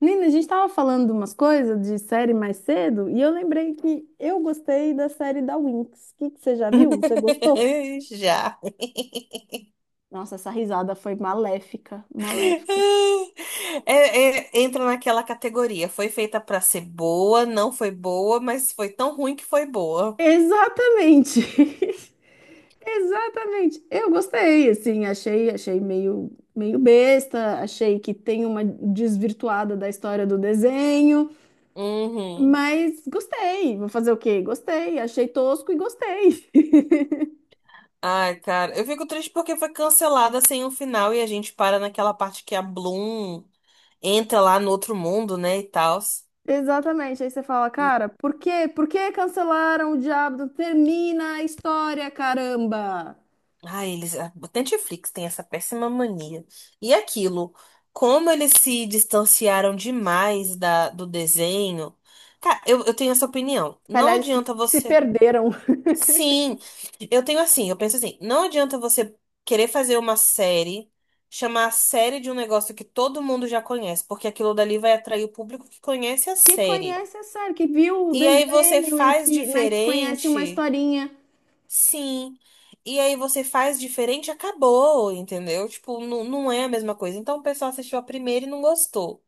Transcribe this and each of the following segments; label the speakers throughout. Speaker 1: Nina, a gente tava falando de umas coisas de série mais cedo e eu lembrei que eu gostei da série da Winx. O que que você já viu? Você gostou?
Speaker 2: Já.
Speaker 1: Nossa, essa risada foi maléfica, maléfica.
Speaker 2: É, é, entra naquela categoria. Foi feita pra ser boa, não foi boa, mas foi tão ruim que foi boa.
Speaker 1: Exatamente. Exatamente. Eu gostei, assim, achei meio besta, achei que tem uma desvirtuada da história do desenho,
Speaker 2: Uhum.
Speaker 1: mas gostei. Vou fazer o quê? Gostei, achei tosco e gostei.
Speaker 2: Ai, cara, eu fico triste porque foi cancelada sem um final e a gente para naquela parte que a Bloom entra lá no outro mundo, né, e tal.
Speaker 1: Exatamente. Aí você fala, cara, por quê? Por que cancelaram o Diabo? Termina a história, caramba!
Speaker 2: Ah, eles. O Netflix tem essa péssima mania. E aquilo, como eles se distanciaram demais do desenho. Cara, eu tenho essa opinião.
Speaker 1: Se calhar
Speaker 2: Não
Speaker 1: eles se,
Speaker 2: adianta
Speaker 1: se
Speaker 2: você.
Speaker 1: perderam.
Speaker 2: Sim, eu tenho assim, eu penso assim, não adianta você querer fazer uma série, chamar a série de um negócio que todo mundo já conhece, porque aquilo dali vai atrair o público que conhece a
Speaker 1: Que
Speaker 2: série.
Speaker 1: conhece a série, que viu o
Speaker 2: E aí você
Speaker 1: desenho e
Speaker 2: faz
Speaker 1: que, né, que conhece uma
Speaker 2: diferente.
Speaker 1: historinha.
Speaker 2: Sim. E aí você faz diferente, acabou, entendeu? Tipo, não, não é a mesma coisa. Então o pessoal assistiu a primeira e não gostou.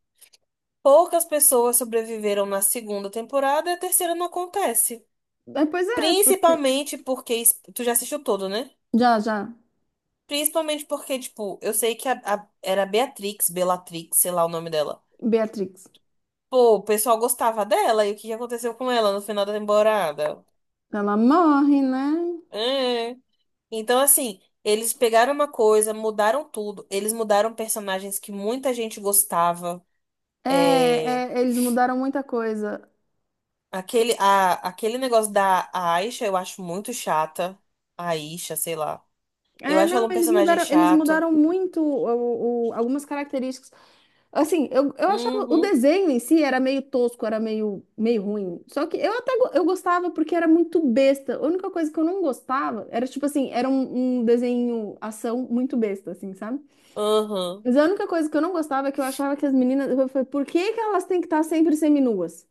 Speaker 2: Poucas pessoas sobreviveram na segunda temporada e a terceira não acontece.
Speaker 1: Ah, pois é, porque.
Speaker 2: Tu já assistiu todo, né?
Speaker 1: Já, já.
Speaker 2: Principalmente porque, tipo, eu sei que era Beatrix, Bellatrix, sei lá o nome dela.
Speaker 1: Beatrix.
Speaker 2: Pô, o pessoal gostava dela e o que que aconteceu com ela no final da temporada?
Speaker 1: Ela morre, né?
Speaker 2: É. Então, assim, eles pegaram uma coisa, mudaram tudo. Eles mudaram personagens que muita gente gostava.
Speaker 1: É,
Speaker 2: É,
Speaker 1: é, eles mudaram muita coisa.
Speaker 2: aquele negócio da Aisha, eu acho muito chata. A Aisha, sei lá. Eu
Speaker 1: É,
Speaker 2: acho ela
Speaker 1: não,
Speaker 2: um
Speaker 1: eles
Speaker 2: personagem
Speaker 1: mudaram, eles
Speaker 2: chato.
Speaker 1: mudaram muito algumas características. Assim, eu achava o
Speaker 2: Uhum,
Speaker 1: desenho em si era meio tosco, era meio ruim. Só que eu até go- eu gostava porque era muito besta. A única coisa que eu não gostava era, tipo assim, era um desenho ação muito besta, assim, sabe?
Speaker 2: uhum.
Speaker 1: Mas a única coisa que eu não gostava é que eu achava que as meninas. Eu falei, por que que elas têm que estar sempre seminuas?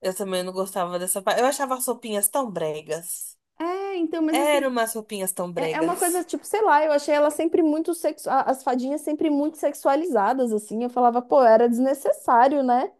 Speaker 2: Eu também não gostava dessa parte. Eu achava as roupinhas tão bregas.
Speaker 1: É, então, mas
Speaker 2: Eram
Speaker 1: assim,
Speaker 2: umas roupinhas tão
Speaker 1: é uma coisa,
Speaker 2: bregas.
Speaker 1: tipo, sei lá, eu achei elas sempre muito as fadinhas sempre muito sexualizadas, assim. Eu falava, pô, era desnecessário, né?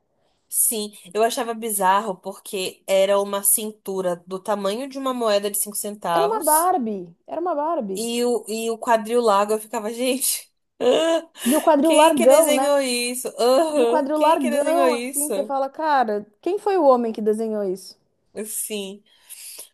Speaker 2: Sim, eu achava bizarro porque era uma cintura do tamanho de uma moeda de 5
Speaker 1: Era uma
Speaker 2: centavos.
Speaker 1: Barbie, era uma Barbie.
Speaker 2: E o quadril lago, eu ficava, gente, ah,
Speaker 1: E o quadril
Speaker 2: quem que
Speaker 1: largão, né?
Speaker 2: desenhou isso?
Speaker 1: E o
Speaker 2: Aham,
Speaker 1: quadril
Speaker 2: quem que desenhou
Speaker 1: largão, assim,
Speaker 2: isso?
Speaker 1: você fala, cara, quem foi o homem que desenhou isso?
Speaker 2: Sim.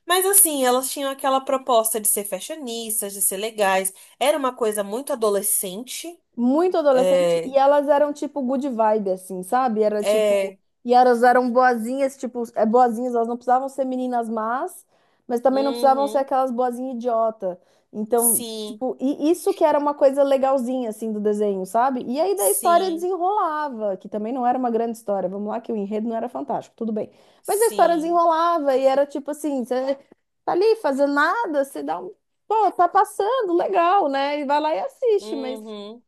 Speaker 2: Mas assim, elas tinham aquela proposta de ser fashionistas, de ser legais. Era uma coisa muito adolescente.
Speaker 1: Muito adolescente
Speaker 2: É,
Speaker 1: e elas eram tipo good vibe, assim, sabe? Era tipo.
Speaker 2: é,
Speaker 1: E elas eram boazinhas, tipo, é, boazinhas, elas não precisavam ser meninas más, mas também não precisavam ser
Speaker 2: uhum,
Speaker 1: aquelas boazinhas idiota. Então,
Speaker 2: sim,
Speaker 1: tipo, e isso que era uma coisa legalzinha, assim, do desenho, sabe? E aí da história
Speaker 2: sim,
Speaker 1: desenrolava, que também não era uma grande história. Vamos lá, que o enredo não era fantástico, tudo bem. Mas a história
Speaker 2: sim,
Speaker 1: desenrolava e era tipo assim, você tá ali fazendo nada, você dá um. Pô, tá passando, legal, né? E vai lá e assiste, mas.
Speaker 2: uhum.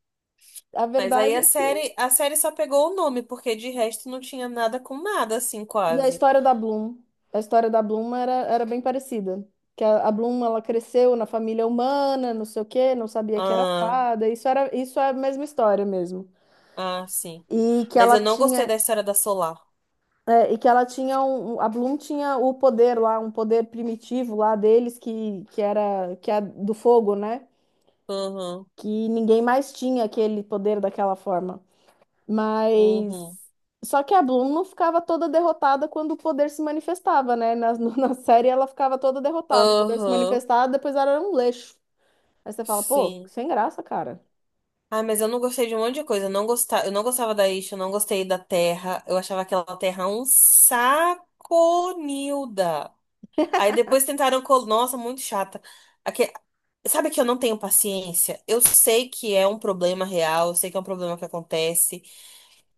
Speaker 1: A
Speaker 2: Mas aí
Speaker 1: verdade
Speaker 2: a
Speaker 1: é que
Speaker 2: série, a série só pegou o nome, porque de resto não tinha nada com nada, assim,
Speaker 1: e
Speaker 2: quase.
Speaker 1: a história da Bloom era bem parecida. Que a Bloom ela cresceu na família humana, não sei o quê, não sabia que era fada. Isso é a mesma história mesmo.
Speaker 2: Ah, sim.
Speaker 1: E que
Speaker 2: Mas
Speaker 1: ela
Speaker 2: eu não gostei
Speaker 1: tinha
Speaker 2: da história da Solar.
Speaker 1: e que ela tinha um, um- a Bloom tinha o poder lá, um poder primitivo lá deles que é do fogo, né?
Speaker 2: Uhum,
Speaker 1: Que ninguém mais tinha aquele poder daquela forma. Mas.
Speaker 2: uhum,
Speaker 1: Só que a Bloom não ficava toda derrotada quando o poder se manifestava, né? Na série ela ficava toda derrotada. O poder se
Speaker 2: uhum,
Speaker 1: manifestava, depois ela era um leixo. Aí você fala, pô,
Speaker 2: sim.
Speaker 1: sem graça, cara.
Speaker 2: Ah, mas eu não gostei de um monte de coisa. Eu não gostava da Isha, eu não gostei da Terra. Eu achava aquela Terra um saco, Nilda. Aí depois tentaram. Nossa, muito chata. Aque- Sabe que eu não tenho paciência? Eu sei que é um problema real, eu sei que é um problema que acontece.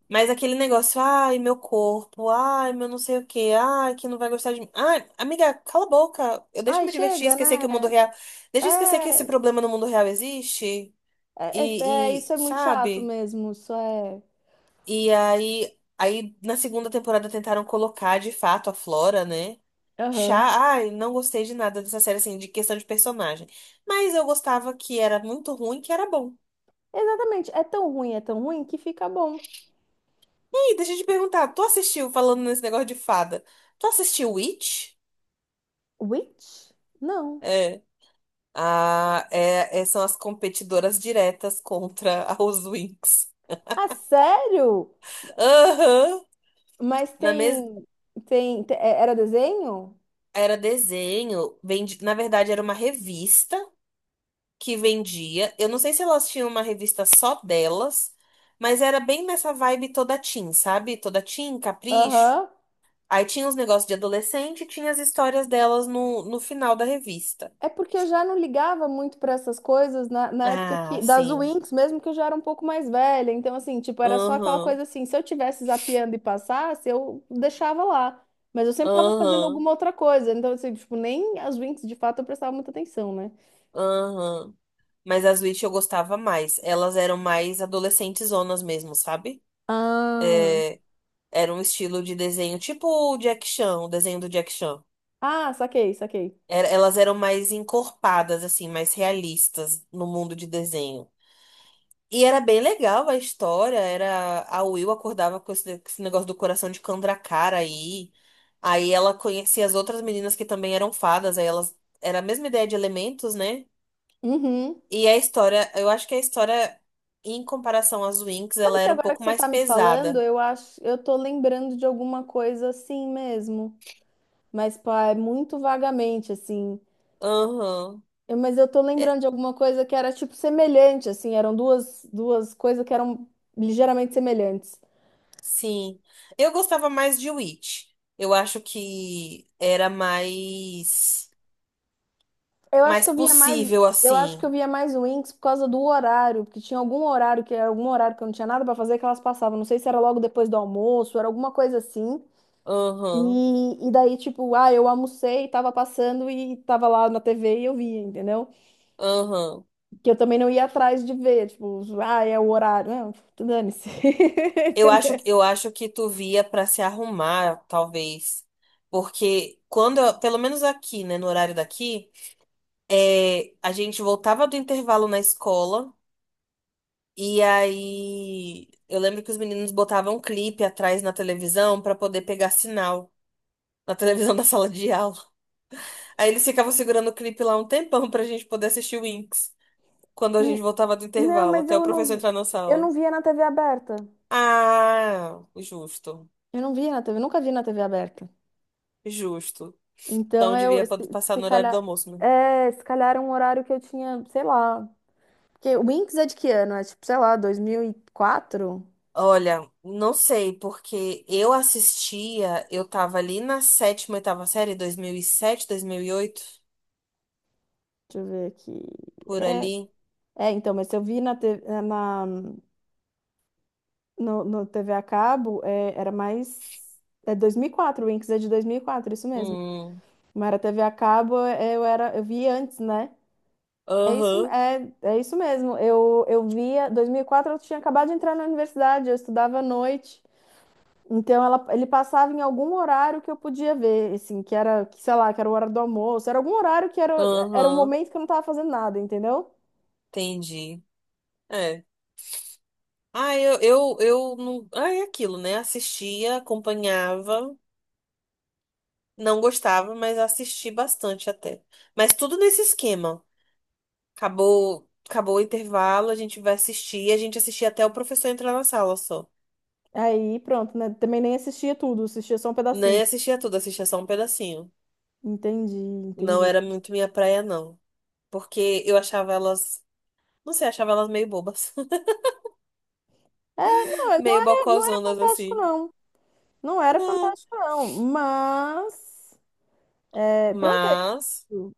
Speaker 2: Mas aquele negócio, ai, meu corpo, ai, meu não sei o quê, ai, que não vai gostar de mim. Ai, amiga, cala a boca. Eu deixa
Speaker 1: Ai,
Speaker 2: eu me divertir,
Speaker 1: chega,
Speaker 2: esquecer que o mundo
Speaker 1: né?
Speaker 2: real. Deixa eu esquecer que esse
Speaker 1: É,
Speaker 2: problema no mundo real existe.
Speaker 1: é, é, é,
Speaker 2: E,
Speaker 1: isso é muito chato
Speaker 2: sabe?
Speaker 1: mesmo. Isso é.
Speaker 2: E aí, na segunda temporada tentaram colocar de fato a Flora, né? Chá,
Speaker 1: Aham.
Speaker 2: ai, não gostei de nada dessa série, assim, de questão de personagem. Mas eu gostava que era muito ruim, que era bom.
Speaker 1: Exatamente. É tão ruim que fica bom.
Speaker 2: E aí, deixa eu te perguntar, tu assistiu, falando nesse negócio de fada, tu assistiu Witch?
Speaker 1: Witch? Não.
Speaker 2: Ah, são as competidoras diretas contra a Housewinks.
Speaker 1: Ah, sério?
Speaker 2: Aham.
Speaker 1: Mas
Speaker 2: Na mes...
Speaker 1: tem. Tem. Era desenho?
Speaker 2: Era desenho, na verdade era uma revista que vendia. Eu não sei se elas tinham uma revista só delas, mas era bem nessa vibe toda teen, sabe? Toda teen, capricho.
Speaker 1: Aham.
Speaker 2: Aí tinha os negócios de adolescente e tinha as histórias delas no final da revista.
Speaker 1: É porque eu já não ligava muito para essas coisas na época
Speaker 2: Ah,
Speaker 1: que, das
Speaker 2: sim.
Speaker 1: Winx, mesmo que eu já era um pouco mais velha. Então, assim, tipo, era só aquela
Speaker 2: Aham,
Speaker 1: coisa assim, se eu tivesse zapeando e passasse, eu deixava lá. Mas eu sempre tava fazendo
Speaker 2: aham,
Speaker 1: alguma outra coisa. Então, assim, tipo, nem as Winx, de fato, eu prestava muita atenção, né?
Speaker 2: aham. Mas as Witch eu gostava mais. Elas eram mais adolescentezonas mesmo, sabe?
Speaker 1: Ah,
Speaker 2: É, era um estilo de desenho tipo o Jack Chan, o desenho do Jack Chan.
Speaker 1: ah, saquei, saquei.
Speaker 2: Elas eram mais encorpadas, assim, mais realistas no mundo de desenho. E era bem legal a história. Era a Will acordava com esse negócio do coração de Kandrakara aí. Aí ela conhecia as outras meninas que também eram fadas. Aí elas era a mesma ideia de elementos, né?
Speaker 1: Uhum.
Speaker 2: E a história, eu acho que a história, em comparação às Winx,
Speaker 1: Sabe
Speaker 2: ela
Speaker 1: que
Speaker 2: era um
Speaker 1: agora que
Speaker 2: pouco
Speaker 1: você
Speaker 2: mais
Speaker 1: tá me falando,
Speaker 2: pesada.
Speaker 1: eu acho, eu tô lembrando de alguma coisa assim mesmo. Mas, pá, é muito vagamente, assim.
Speaker 2: Aham.
Speaker 1: Mas eu tô
Speaker 2: É,
Speaker 1: lembrando de alguma coisa que era tipo semelhante, assim, eram duas coisas que eram ligeiramente semelhantes.
Speaker 2: sim. Eu gostava mais de Witch. Eu acho que era mais,
Speaker 1: Eu acho
Speaker 2: mais
Speaker 1: que eu via mais,
Speaker 2: possível,
Speaker 1: eu acho que eu
Speaker 2: assim.
Speaker 1: via mais Winx por causa do horário, porque tinha algum horário que era algum horário que eu não tinha nada pra fazer que elas passavam. Não sei se era logo depois do almoço, era alguma coisa assim.
Speaker 2: Aham.
Speaker 1: E, daí, tipo, ah, eu almocei, tava passando e tava lá na TV e eu via, entendeu?
Speaker 2: Aham.
Speaker 1: Que eu também não ia atrás de ver, tipo, ah, é o horário. Não, dane-se.
Speaker 2: Eu acho,
Speaker 1: Entendeu?
Speaker 2: eu acho que tu via pra se arrumar, talvez. Porque pelo menos aqui, né, no horário daqui, é, a gente voltava do intervalo na escola. E aí, eu lembro que os meninos botavam um clipe atrás na televisão pra poder pegar sinal na televisão da sala de aula. Aí eles ficavam segurando o clipe lá um tempão pra gente poder assistir o Winx quando a gente voltava do
Speaker 1: Não,
Speaker 2: intervalo,
Speaker 1: mas
Speaker 2: até o
Speaker 1: eu
Speaker 2: professor
Speaker 1: não,
Speaker 2: entrar na
Speaker 1: eu
Speaker 2: sala.
Speaker 1: não via na TV aberta.
Speaker 2: Ah, justo,
Speaker 1: Eu não via na TV, nunca vi na TV aberta.
Speaker 2: justo.
Speaker 1: Então
Speaker 2: Então
Speaker 1: eu,
Speaker 2: devia
Speaker 1: se,
Speaker 2: passar
Speaker 1: se
Speaker 2: no horário do
Speaker 1: calhar,
Speaker 2: almoço, né?
Speaker 1: é, se calhar era um horário que eu tinha, sei lá. Porque o Winx é de que ano? É tipo, sei lá, 2004.
Speaker 2: Olha, não sei, porque eu assistia, eu tava ali na sétima, oitava série, 2007 2008
Speaker 1: Deixa eu ver aqui.
Speaker 2: por ali.
Speaker 1: É, então, mas se eu vi na, te- na no, no TV a cabo, é, era mais. É 2004, o Winx é de 2004, isso mesmo.
Speaker 2: Hum.
Speaker 1: Mas era TV a cabo, é, eu vi antes, né? É isso,
Speaker 2: Aham.
Speaker 1: é isso mesmo. Eu via, 2004 eu tinha acabado de entrar na universidade, eu estudava à noite. Então ele passava em algum horário que eu podia ver, assim, que era, que, sei lá, que era o horário do almoço, era algum horário que era o
Speaker 2: Aham,
Speaker 1: momento que eu não estava fazendo nada, entendeu?
Speaker 2: entendi. É. Ah, eu não. Ah, é aquilo, né? Assistia, acompanhava, não gostava, mas assisti bastante até. Mas tudo nesse esquema. Acabou, acabou o intervalo, a gente vai assistir, a gente assistia até o professor entrar na sala só.
Speaker 1: Aí pronto, né? Também nem assistia tudo, assistia só um pedacinho.
Speaker 2: Nem assistia tudo, assistia só um pedacinho.
Speaker 1: Entendi,
Speaker 2: Não
Speaker 1: entendi.
Speaker 2: era muito minha praia, não. Porque eu achava elas. Não sei, achava elas meio bobas.
Speaker 1: É, não, não
Speaker 2: Meio
Speaker 1: era, não era
Speaker 2: bocozonas
Speaker 1: fantástico,
Speaker 2: assim.
Speaker 1: não. Não era
Speaker 2: Não.
Speaker 1: fantástico, não. Mas, é, pronto, é
Speaker 2: Mas.
Speaker 1: isso.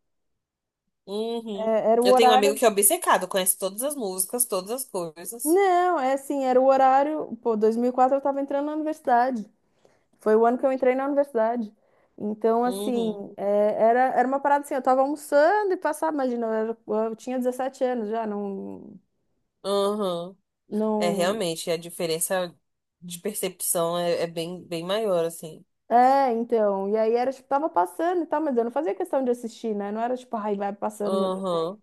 Speaker 2: Uhum.
Speaker 1: É, era o
Speaker 2: Eu tenho um amigo
Speaker 1: horário.
Speaker 2: que é obcecado, conhece todas as músicas, todas as coisas.
Speaker 1: Não, é assim, era o horário. Pô, 2004 eu tava entrando na universidade. Foi o ano que eu entrei na universidade. Então, assim,
Speaker 2: Uhum.
Speaker 1: é, era uma parada assim, eu tava almoçando e passava, imagina, eu tinha 17 anos já, não,
Speaker 2: Uhum. É
Speaker 1: não.
Speaker 2: realmente, a diferença de percepção é bem maior, assim.
Speaker 1: É, então. E aí era tipo, tava passando e tal, mas eu não fazia questão de assistir, né? Não era tipo, ai, vai passando meu desenho.
Speaker 2: Uhum.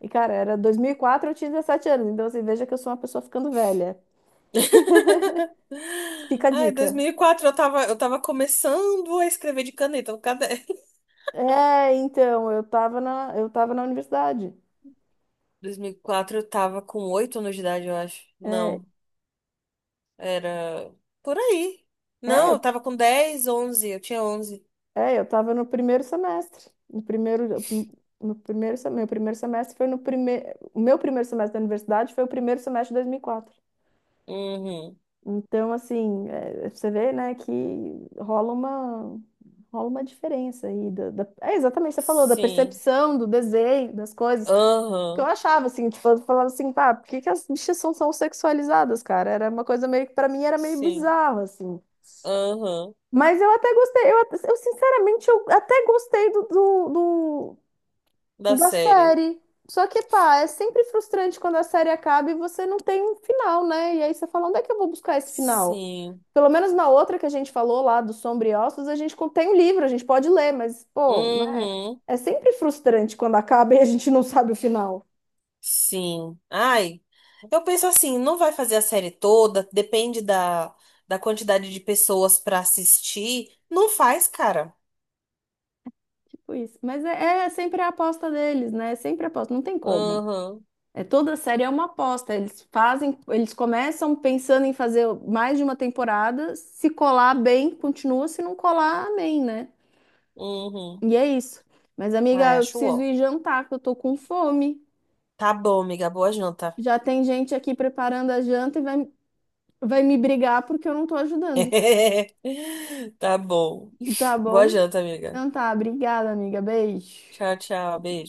Speaker 1: E, cara, era 2004, eu tinha 17 anos. Então, assim, veja que eu sou uma pessoa ficando velha. Fica a
Speaker 2: Ai, dois
Speaker 1: dica.
Speaker 2: mil e quatro eu tava, começando a escrever de caneta no caderno.
Speaker 1: É, então, eu tava na universidade.
Speaker 2: 2004 eu tava com 8 anos de idade, eu acho.
Speaker 1: É,
Speaker 2: Não, era por aí.
Speaker 1: É,
Speaker 2: Não,
Speaker 1: eu,
Speaker 2: eu tava com 10 11 eu tinha 11.
Speaker 1: é, eu estava no primeiro semestre. No primeiro, no primeiro, se- meu primeiro semestre foi no primeiro. O meu primeiro semestre da universidade foi o primeiro semestre de 2004.
Speaker 2: Uhum.
Speaker 1: Então, assim, é, você vê, né, que rola uma, diferença aí. É exatamente, o que você falou, da
Speaker 2: Sim.
Speaker 1: percepção, do desenho, das coisas. Que eu
Speaker 2: Aham.
Speaker 1: achava, assim, tipo, eu falava assim, pá, por que que as bichas são sexualizadas, cara? Era uma coisa meio que, pra mim, era meio
Speaker 2: Sim.
Speaker 1: bizarro, assim.
Speaker 2: Aham.
Speaker 1: Mas eu até gostei, sinceramente eu até gostei
Speaker 2: Da
Speaker 1: da
Speaker 2: série.
Speaker 1: série. Só que, pá, é sempre frustrante quando a série acaba e você não tem um final, né? E aí você fala, onde é que eu vou buscar esse final?
Speaker 2: Sim.
Speaker 1: Pelo menos na outra que a gente falou lá do Sombra e Ossos, a gente tem um livro, a gente pode ler, mas, pô, né?
Speaker 2: Uhum.
Speaker 1: É sempre frustrante quando acaba e a gente não sabe o final.
Speaker 2: Sim. Ai, eu penso assim, não vai fazer a série toda, depende da quantidade de pessoas pra assistir. Não faz, cara.
Speaker 1: Tipo isso. Mas é sempre a aposta deles, né? É sempre a aposta, não tem como.
Speaker 2: Uhum.
Speaker 1: É, toda série é uma aposta. Eles fazem, eles começam pensando em fazer mais de uma temporada. Se colar bem, continua. Se não colar, amém, né?
Speaker 2: Uhum.
Speaker 1: E é isso. Mas, amiga,
Speaker 2: Ai,
Speaker 1: eu
Speaker 2: acho
Speaker 1: preciso
Speaker 2: ó.
Speaker 1: ir jantar, que eu tô com fome.
Speaker 2: Tá bom, amiga. Boa janta.
Speaker 1: Já tem gente aqui preparando a janta e vai me brigar porque eu não tô ajudando.
Speaker 2: Tá bom.
Speaker 1: Tá
Speaker 2: Boa
Speaker 1: bom?
Speaker 2: janta, amiga.
Speaker 1: Então tá, obrigada, amiga. Beijo.
Speaker 2: Tchau, tchau. Beijo.